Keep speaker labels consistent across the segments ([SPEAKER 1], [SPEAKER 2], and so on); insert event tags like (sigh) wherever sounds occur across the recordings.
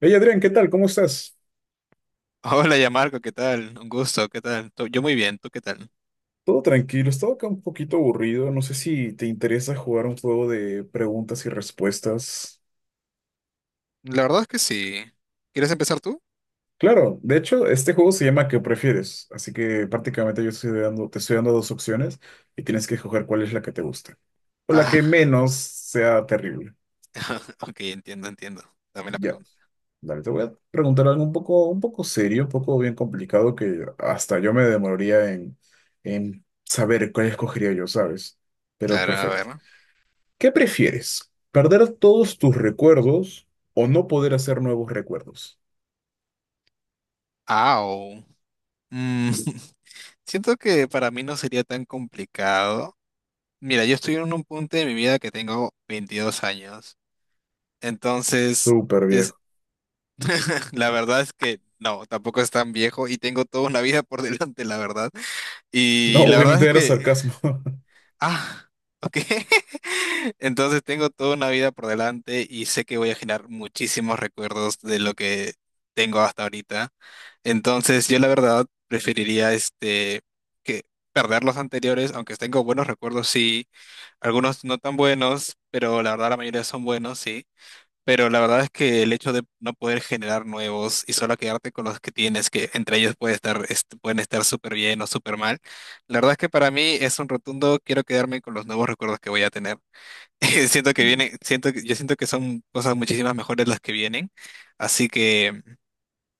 [SPEAKER 1] Hey Adrián, ¿qué tal? ¿Cómo estás?
[SPEAKER 2] Hola, ya Marco, ¿qué tal? Un gusto, ¿qué tal? Yo muy bien, ¿tú qué tal?
[SPEAKER 1] Todo tranquilo, estaba acá un poquito aburrido. No sé si te interesa jugar un juego de preguntas y respuestas.
[SPEAKER 2] La verdad es que sí. ¿Quieres empezar tú?
[SPEAKER 1] Claro, de hecho, este juego se llama ¿Qué prefieres? Así que prácticamente yo te estoy dando dos opciones y tienes que escoger cuál es la que te gusta o la
[SPEAKER 2] Ah,
[SPEAKER 1] que menos sea terrible.
[SPEAKER 2] (laughs) ok, entiendo, entiendo. Dame la
[SPEAKER 1] Ya,
[SPEAKER 2] pregunta.
[SPEAKER 1] dale, te voy a preguntar algo un poco serio, un poco bien complicado que hasta yo me demoraría en saber cuál escogería yo, ¿sabes? Pero
[SPEAKER 2] Claro, a
[SPEAKER 1] perfecto.
[SPEAKER 2] ver.
[SPEAKER 1] ¿Qué prefieres? ¿Perder todos tus recuerdos o no poder hacer nuevos recuerdos?
[SPEAKER 2] Au. Mm, (laughs) siento que para mí no sería tan complicado. Mira, yo estoy en un punto de mi vida que tengo 22 años. Entonces,
[SPEAKER 1] Súper
[SPEAKER 2] es,
[SPEAKER 1] viejo.
[SPEAKER 2] (laughs) la verdad es que no, tampoco es tan viejo y tengo toda una vida por (laughs) delante, la verdad.
[SPEAKER 1] No,
[SPEAKER 2] Y la verdad
[SPEAKER 1] obviamente
[SPEAKER 2] es
[SPEAKER 1] era
[SPEAKER 2] que.
[SPEAKER 1] sarcasmo. (laughs)
[SPEAKER 2] Ah, ok. (laughs) Entonces tengo toda una vida por delante y sé que voy a generar muchísimos recuerdos de lo que tengo hasta ahorita. Entonces yo la verdad preferiría este que perder los anteriores, aunque tengo buenos recuerdos, sí, algunos no tan buenos, pero la verdad la mayoría son buenos, sí. Pero la verdad es que el hecho de no poder generar nuevos y solo quedarte con los que tienes, que entre ellos puede estar, pueden estar súper bien o súper mal, la verdad es que para mí es un rotundo, quiero quedarme con los nuevos recuerdos que voy a tener. (laughs) Siento que vienen, yo siento que son cosas muchísimas mejores las que vienen, así que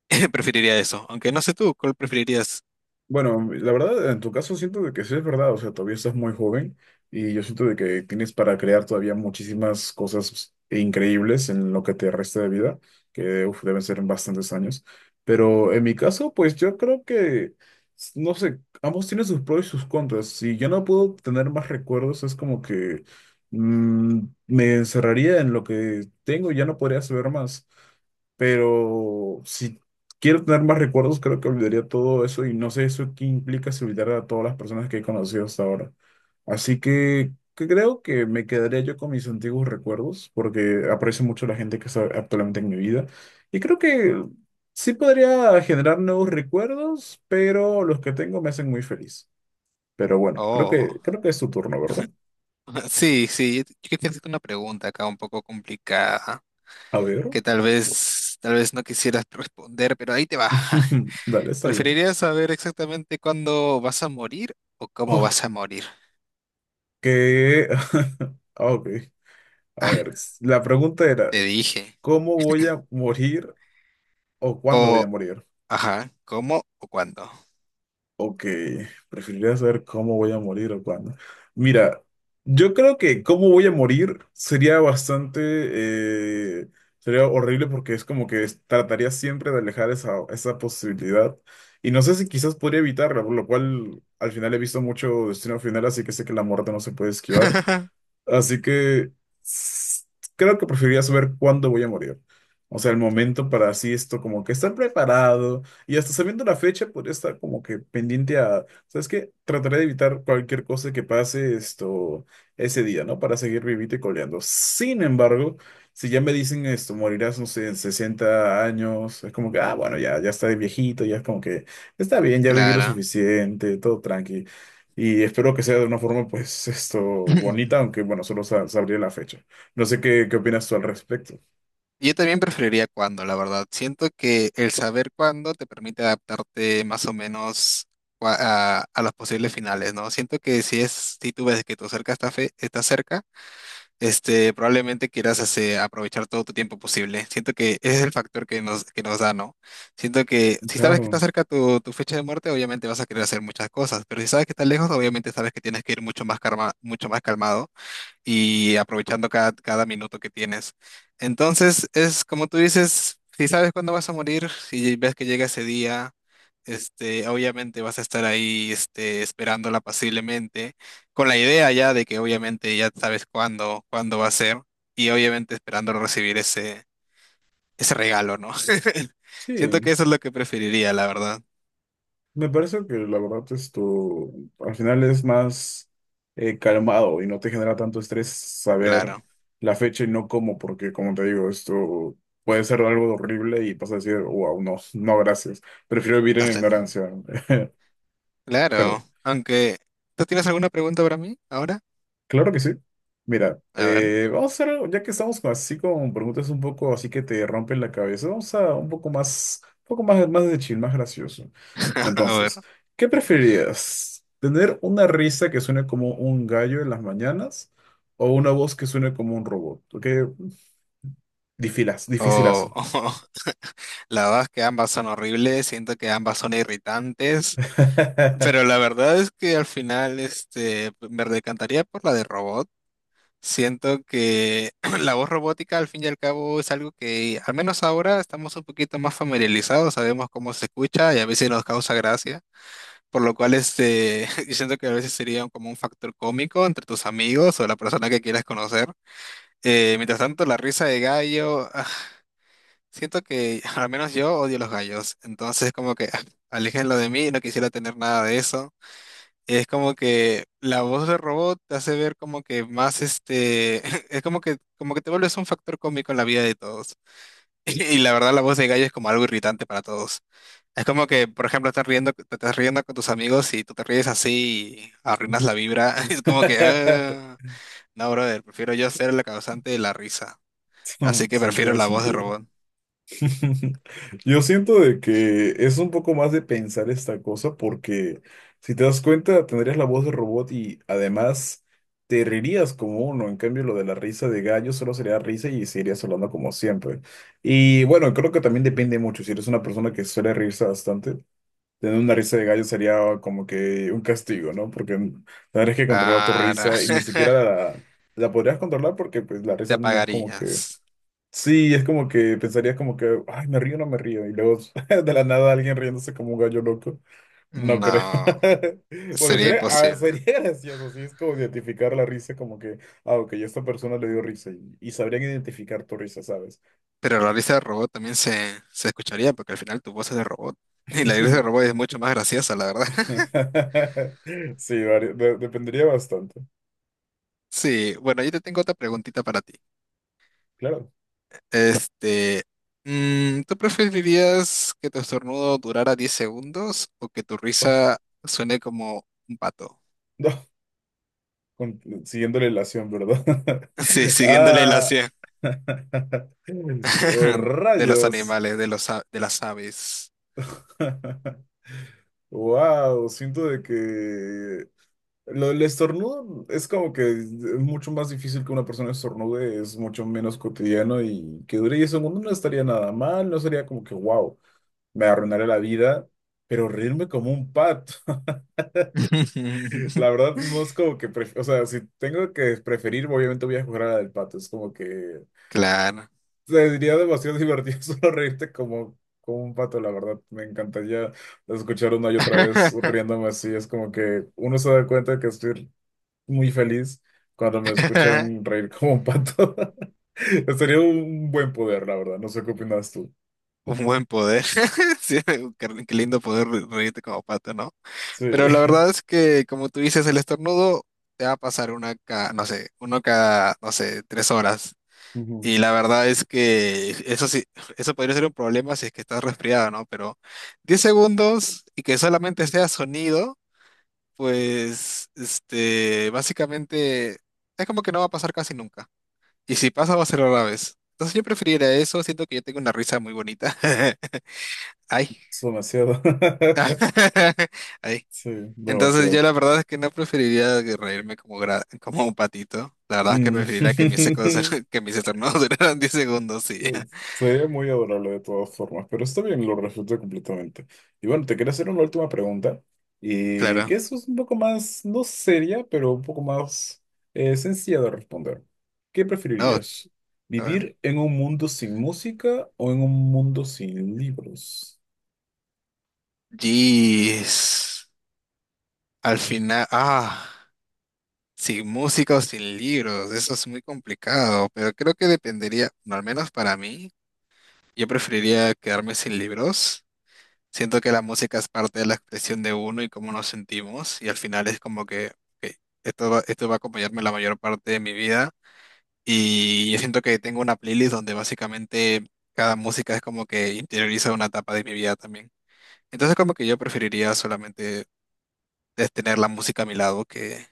[SPEAKER 2] (laughs) preferiría eso. Aunque no sé tú, ¿cuál preferirías?
[SPEAKER 1] Bueno, la verdad, en tu caso siento de que sí es verdad, o sea, todavía estás muy joven y yo siento de que tienes para crear todavía muchísimas cosas increíbles en lo que te resta de vida, que uf, deben ser bastantes años. Pero en mi caso, pues yo creo que, no sé, ambos tienen sus pros y sus contras. Si yo no puedo tener más recuerdos, es como que mm, me encerraría en lo que tengo y ya no podría saber más. Pero si quiero tener más recuerdos, creo que olvidaría todo eso y no sé eso qué implica si olvidara a todas las personas que he conocido hasta ahora. Así que creo que me quedaría yo con mis antiguos recuerdos porque aprecio mucho la gente que está actualmente en mi vida y creo que sí podría generar nuevos recuerdos, pero los que tengo me hacen muy feliz. Pero bueno, creo
[SPEAKER 2] Oh,
[SPEAKER 1] que, creo que es tu turno, ¿verdad?
[SPEAKER 2] (laughs) sí, sí, yo quería hacerte una pregunta acá un poco complicada,
[SPEAKER 1] A ver.
[SPEAKER 2] que tal vez no quisieras (laughs) responder, pero ahí te va. (laughs)
[SPEAKER 1] (laughs) Dale, está bien.
[SPEAKER 2] ¿Preferirías saber exactamente cuándo vas a morir o cómo
[SPEAKER 1] Oh,
[SPEAKER 2] vas a morir?
[SPEAKER 1] que... (laughs) Ah, Ok. A
[SPEAKER 2] Ah,
[SPEAKER 1] ver, la pregunta era,
[SPEAKER 2] te dije.
[SPEAKER 1] ¿Cómo voy a morir o cuándo voy
[SPEAKER 2] O,
[SPEAKER 1] a morir?
[SPEAKER 2] ajá, ¿cómo o cuándo?
[SPEAKER 1] Ok, preferiría saber cómo voy a morir o cuándo. Mira, yo creo que cómo voy a morir sería bastante, sería horrible porque es como que trataría siempre de alejar esa, esa posibilidad. Y no sé si quizás podría evitarla, por lo cual al final he visto mucho Destino Final, así que sé que la muerte no se puede esquivar.
[SPEAKER 2] (laughs)
[SPEAKER 1] Así que s- creo que preferiría saber cuándo voy a morir. O sea, el momento para así esto, como que estar preparado y hasta sabiendo la fecha, podría estar como que pendiente a, ¿sabes qué? Trataré de evitar cualquier cosa que pase esto ese día, ¿no? Para seguir vivito y coleando. Sin embargo, si ya me dicen esto, morirás, no sé, en 60 años, es como que, ah, bueno, ya, ya está de viejito, ya es como que está bien, ya viví lo
[SPEAKER 2] Claro.
[SPEAKER 1] suficiente, todo tranqui. Y espero que sea de una forma, pues, esto bonita,
[SPEAKER 2] (laughs)
[SPEAKER 1] aunque bueno, solo sabría la fecha. No sé qué, qué opinas tú al respecto.
[SPEAKER 2] Yo también preferiría cuándo, la verdad. Siento que el saber cuándo te permite adaptarte más o menos a los posibles finales, ¿no? Siento que si tú ves que tu cerca está está cerca, este, probablemente quieras aprovechar todo tu tiempo posible. Siento que ese es el factor que nos da, ¿no? Siento que si sabes que
[SPEAKER 1] Claro,
[SPEAKER 2] está cerca tu fecha de muerte, obviamente vas a querer hacer muchas cosas, pero si sabes que está lejos, obviamente sabes que tienes que ir mucho más calmado y aprovechando cada, cada minuto que tienes. Entonces, es como tú dices, si sabes cuándo vas a morir si ves que llega ese día, este, obviamente vas a estar ahí, este, esperándola pacientemente con la idea ya de que obviamente ya sabes cuándo va a ser y obviamente esperando recibir ese regalo, ¿no? (laughs) Siento que
[SPEAKER 1] sí,
[SPEAKER 2] eso es lo que preferiría, la verdad.
[SPEAKER 1] me parece que la verdad esto al final es más calmado y no te genera tanto estrés saber
[SPEAKER 2] Claro.
[SPEAKER 1] la fecha y no cómo, porque como te digo, esto puede ser algo horrible y vas a decir, wow, no, no, gracias, prefiero vivir en la
[SPEAKER 2] Hasta,
[SPEAKER 1] ignorancia. (laughs) Pero
[SPEAKER 2] claro. Aunque, ¿tú tienes alguna pregunta para mí ahora?
[SPEAKER 1] Claro que sí. Mira,
[SPEAKER 2] A ver,
[SPEAKER 1] vamos a hacer, algo, ya que estamos así con preguntas un poco así que te rompen la cabeza, vamos a un poco más, más de chill, más gracioso.
[SPEAKER 2] (laughs) a ver.
[SPEAKER 1] Entonces, ¿qué preferirías? ¿Tener una risa que suene como un gallo en las mañanas o una voz que suene como un robot? ¿Ok? Difilas,
[SPEAKER 2] O,
[SPEAKER 1] dificilazo.
[SPEAKER 2] o- (laughs) la verdad es que ambas son horribles, siento que ambas son irritantes,
[SPEAKER 1] (laughs)
[SPEAKER 2] pero la verdad es que al final este, me decantaría por la de robot. Siento que (clears throat) la voz robótica al fin y al cabo es algo que al menos ahora estamos un poquito más familiarizados, sabemos cómo se escucha y a veces nos causa gracia, por lo cual este, (laughs) yo siento que a veces sería como un factor cómico entre tus amigos o la persona que quieras conocer. Mientras tanto, la risa de gallo. (laughs) Siento que (laughs) al menos yo odio los gallos, entonces como que (laughs) ah, aléjenlo de mí, no quisiera tener nada de eso. Es como que la voz del robot te hace ver como que más este, (laughs) es como que te vuelves un factor cómico en la vida de todos. (laughs) Y, la verdad la voz de gallo es como algo irritante para todos. Es como que, por ejemplo, estás riendo, te estás riendo con tus amigos y tú te ríes así y arruinas la vibra. (laughs) Es como que, ah, no, brother, prefiero yo ser la causante de la risa. Así
[SPEAKER 1] Sí,
[SPEAKER 2] que prefiero
[SPEAKER 1] tiene
[SPEAKER 2] la voz de
[SPEAKER 1] sentido.
[SPEAKER 2] robot.
[SPEAKER 1] (laughs) Yo siento de que es un poco más de pensar esta cosa porque si te das cuenta tendrías la voz de robot y además te reirías como uno. En cambio lo de la risa de gallo solo sería risa y seguirías hablando como siempre. Y bueno, creo que también depende mucho. Si eres una persona que suele reírse bastante, tener una risa de gallo sería como que un castigo, ¿no? Porque tendrías que controlar tu
[SPEAKER 2] Claro.
[SPEAKER 1] risa y ni siquiera
[SPEAKER 2] (laughs)
[SPEAKER 1] la podrías controlar porque pues la
[SPEAKER 2] ¿Te
[SPEAKER 1] risa no es como que
[SPEAKER 2] apagarías?
[SPEAKER 1] Sí, es como que pensarías como que, ay, me río o no me río. Y luego (laughs) de la nada alguien riéndose como un gallo loco. No creo.
[SPEAKER 2] No,
[SPEAKER 1] (laughs) Bueno,
[SPEAKER 2] sería imposible.
[SPEAKER 1] sería (laughs) gracioso, sí, es como identificar la risa como que, ah, ok, a esta persona le dio risa y sabrían identificar tu risa, ¿sabes?
[SPEAKER 2] Pero la risa del robot también se escucharía porque al final tu voz es de robot. (laughs) Y la risa del robot
[SPEAKER 1] (laughs)
[SPEAKER 2] es mucho más graciosa, la verdad. (laughs)
[SPEAKER 1] Sí, dependería bastante,
[SPEAKER 2] Sí, bueno, yo te tengo otra preguntita para ti.
[SPEAKER 1] claro.
[SPEAKER 2] Este, mm, ¿tú preferirías que tu estornudo durara 10 segundos o que tu
[SPEAKER 1] Oh,
[SPEAKER 2] risa suene como un pato?
[SPEAKER 1] No, con- siguiendo la relación, ¿verdad?
[SPEAKER 2] (laughs) Sí,
[SPEAKER 1] (laughs)
[SPEAKER 2] siguiendo la
[SPEAKER 1] Ah,
[SPEAKER 2] ilación
[SPEAKER 1] (laughs) oh,
[SPEAKER 2] (laughs) de los
[SPEAKER 1] rayos.
[SPEAKER 2] animales, de los, de las aves.
[SPEAKER 1] (laughs) Wow, siento de que el estornudo es como que es mucho más difícil que una persona estornude, es mucho menos cotidiano y que dure 10 segundos no estaría nada mal, no sería como que wow, me arruinaré la vida, pero reírme como un pato, (laughs)
[SPEAKER 2] (laughs)
[SPEAKER 1] la verdad no es como que, o sea, si tengo que preferir, obviamente voy a jugar a la del pato, es como que
[SPEAKER 2] Claro.
[SPEAKER 1] Sería demasiado divertido (laughs) solo reírte como, como un pato, la verdad. Me encantaría escuchar una y otra vez
[SPEAKER 2] (laughs)
[SPEAKER 1] riéndome así. Es como que uno se da cuenta que estoy muy feliz cuando me escuchan reír como un pato. (laughs) Sería un buen poder, la verdad. No sé qué opinas tú.
[SPEAKER 2] Un buen poder. (laughs) Sí, qué, qué lindo poder reírte como pato, ¿no?
[SPEAKER 1] Sí.
[SPEAKER 2] Pero la verdad es que, como tú dices, el estornudo te va a pasar no sé, uno cada, no sé, 3 horas.
[SPEAKER 1] (laughs) Ujú.
[SPEAKER 2] Y la verdad es que eso sí, (sighs) eso podría ser un problema si es que estás resfriado, ¿no? Pero 10 segundos y que solamente sea sonido, pues, este, básicamente es como que no va a pasar casi nunca. Y si pasa, va a ser rara vez. Entonces yo preferiría eso, siento que yo tengo una risa muy bonita. (laughs) Ay.
[SPEAKER 1] Es demasiado. (laughs)
[SPEAKER 2] (laughs) Ahí,
[SPEAKER 1] Sí,
[SPEAKER 2] Entonces yo
[SPEAKER 1] demasiado.
[SPEAKER 2] la verdad es que no preferiría que reírme como, como un patito. La verdad es que preferiría que mis secos,
[SPEAKER 1] Mm.
[SPEAKER 2] (laughs)
[SPEAKER 1] (laughs)
[SPEAKER 2] que mis estornudos (laughs) duraran 10 segundos y ya.
[SPEAKER 1] Sería muy adorable de todas formas, pero está bien, lo respeto completamente. Y bueno, te quería hacer una última pregunta, y
[SPEAKER 2] Claro.
[SPEAKER 1] que eso es un poco más, no seria, pero un poco más sencilla de responder. ¿Qué
[SPEAKER 2] No,
[SPEAKER 1] preferirías?
[SPEAKER 2] a ver.
[SPEAKER 1] ¿Vivir en un mundo sin música o en un mundo sin libros?
[SPEAKER 2] Jeez. Al final, ah, sin música o sin libros, eso es muy complicado, pero creo que dependería, no, al menos para mí, yo preferiría quedarme sin libros. Siento que la música es parte de la expresión de uno y cómo nos sentimos y al final es como que ok, esto va a acompañarme la mayor parte de mi vida y yo siento que tengo una playlist donde básicamente cada música es como que interioriza una etapa de mi vida también. Entonces como que yo preferiría solamente es tener la música a mi lado que,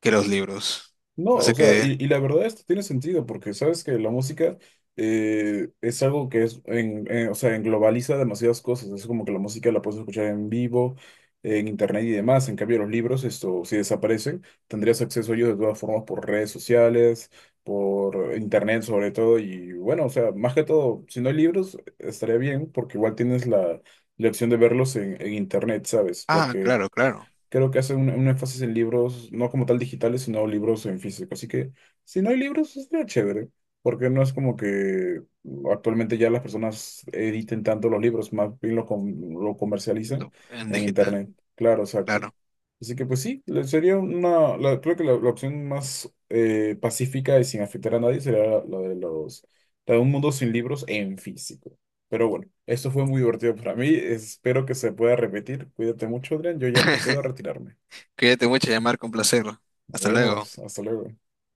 [SPEAKER 2] que los libros.
[SPEAKER 1] No,
[SPEAKER 2] No
[SPEAKER 1] o
[SPEAKER 2] sé
[SPEAKER 1] sea,
[SPEAKER 2] qué.
[SPEAKER 1] y la verdad esto tiene sentido porque sabes que la música es algo que o sea, englobaliza demasiadas cosas. Es como que la música la puedes escuchar en vivo, en internet y demás. En cambio, los libros, esto, si desaparecen, tendrías acceso a ellos de todas formas por redes sociales, por internet sobre todo. Y bueno, o sea, más que todo, si no hay libros, estaría bien porque igual tienes la, la opción de verlos en internet, ¿sabes?
[SPEAKER 2] Ah,
[SPEAKER 1] Porque
[SPEAKER 2] claro, claro.
[SPEAKER 1] Creo que hace un énfasis en libros, no como tal digitales, sino libros en físico. Así que si no hay libros, estaría chévere, porque no es como que actualmente ya las personas editen tanto los libros, más bien lo comercializan
[SPEAKER 2] En
[SPEAKER 1] en
[SPEAKER 2] digital,
[SPEAKER 1] internet. Claro, exacto.
[SPEAKER 2] claro.
[SPEAKER 1] Así que pues sí, sería una, creo que la opción más pacífica y sin afectar a nadie sería la la de un mundo sin libros en físico. Pero bueno, esto fue muy divertido para mí. Espero que se pueda repetir. Cuídate mucho, Adrián. Yo ya procedo a
[SPEAKER 2] (laughs)
[SPEAKER 1] retirarme.
[SPEAKER 2] Cuídate mucho, llamar con placer.
[SPEAKER 1] Nos
[SPEAKER 2] Hasta luego.
[SPEAKER 1] vemos. Hasta luego.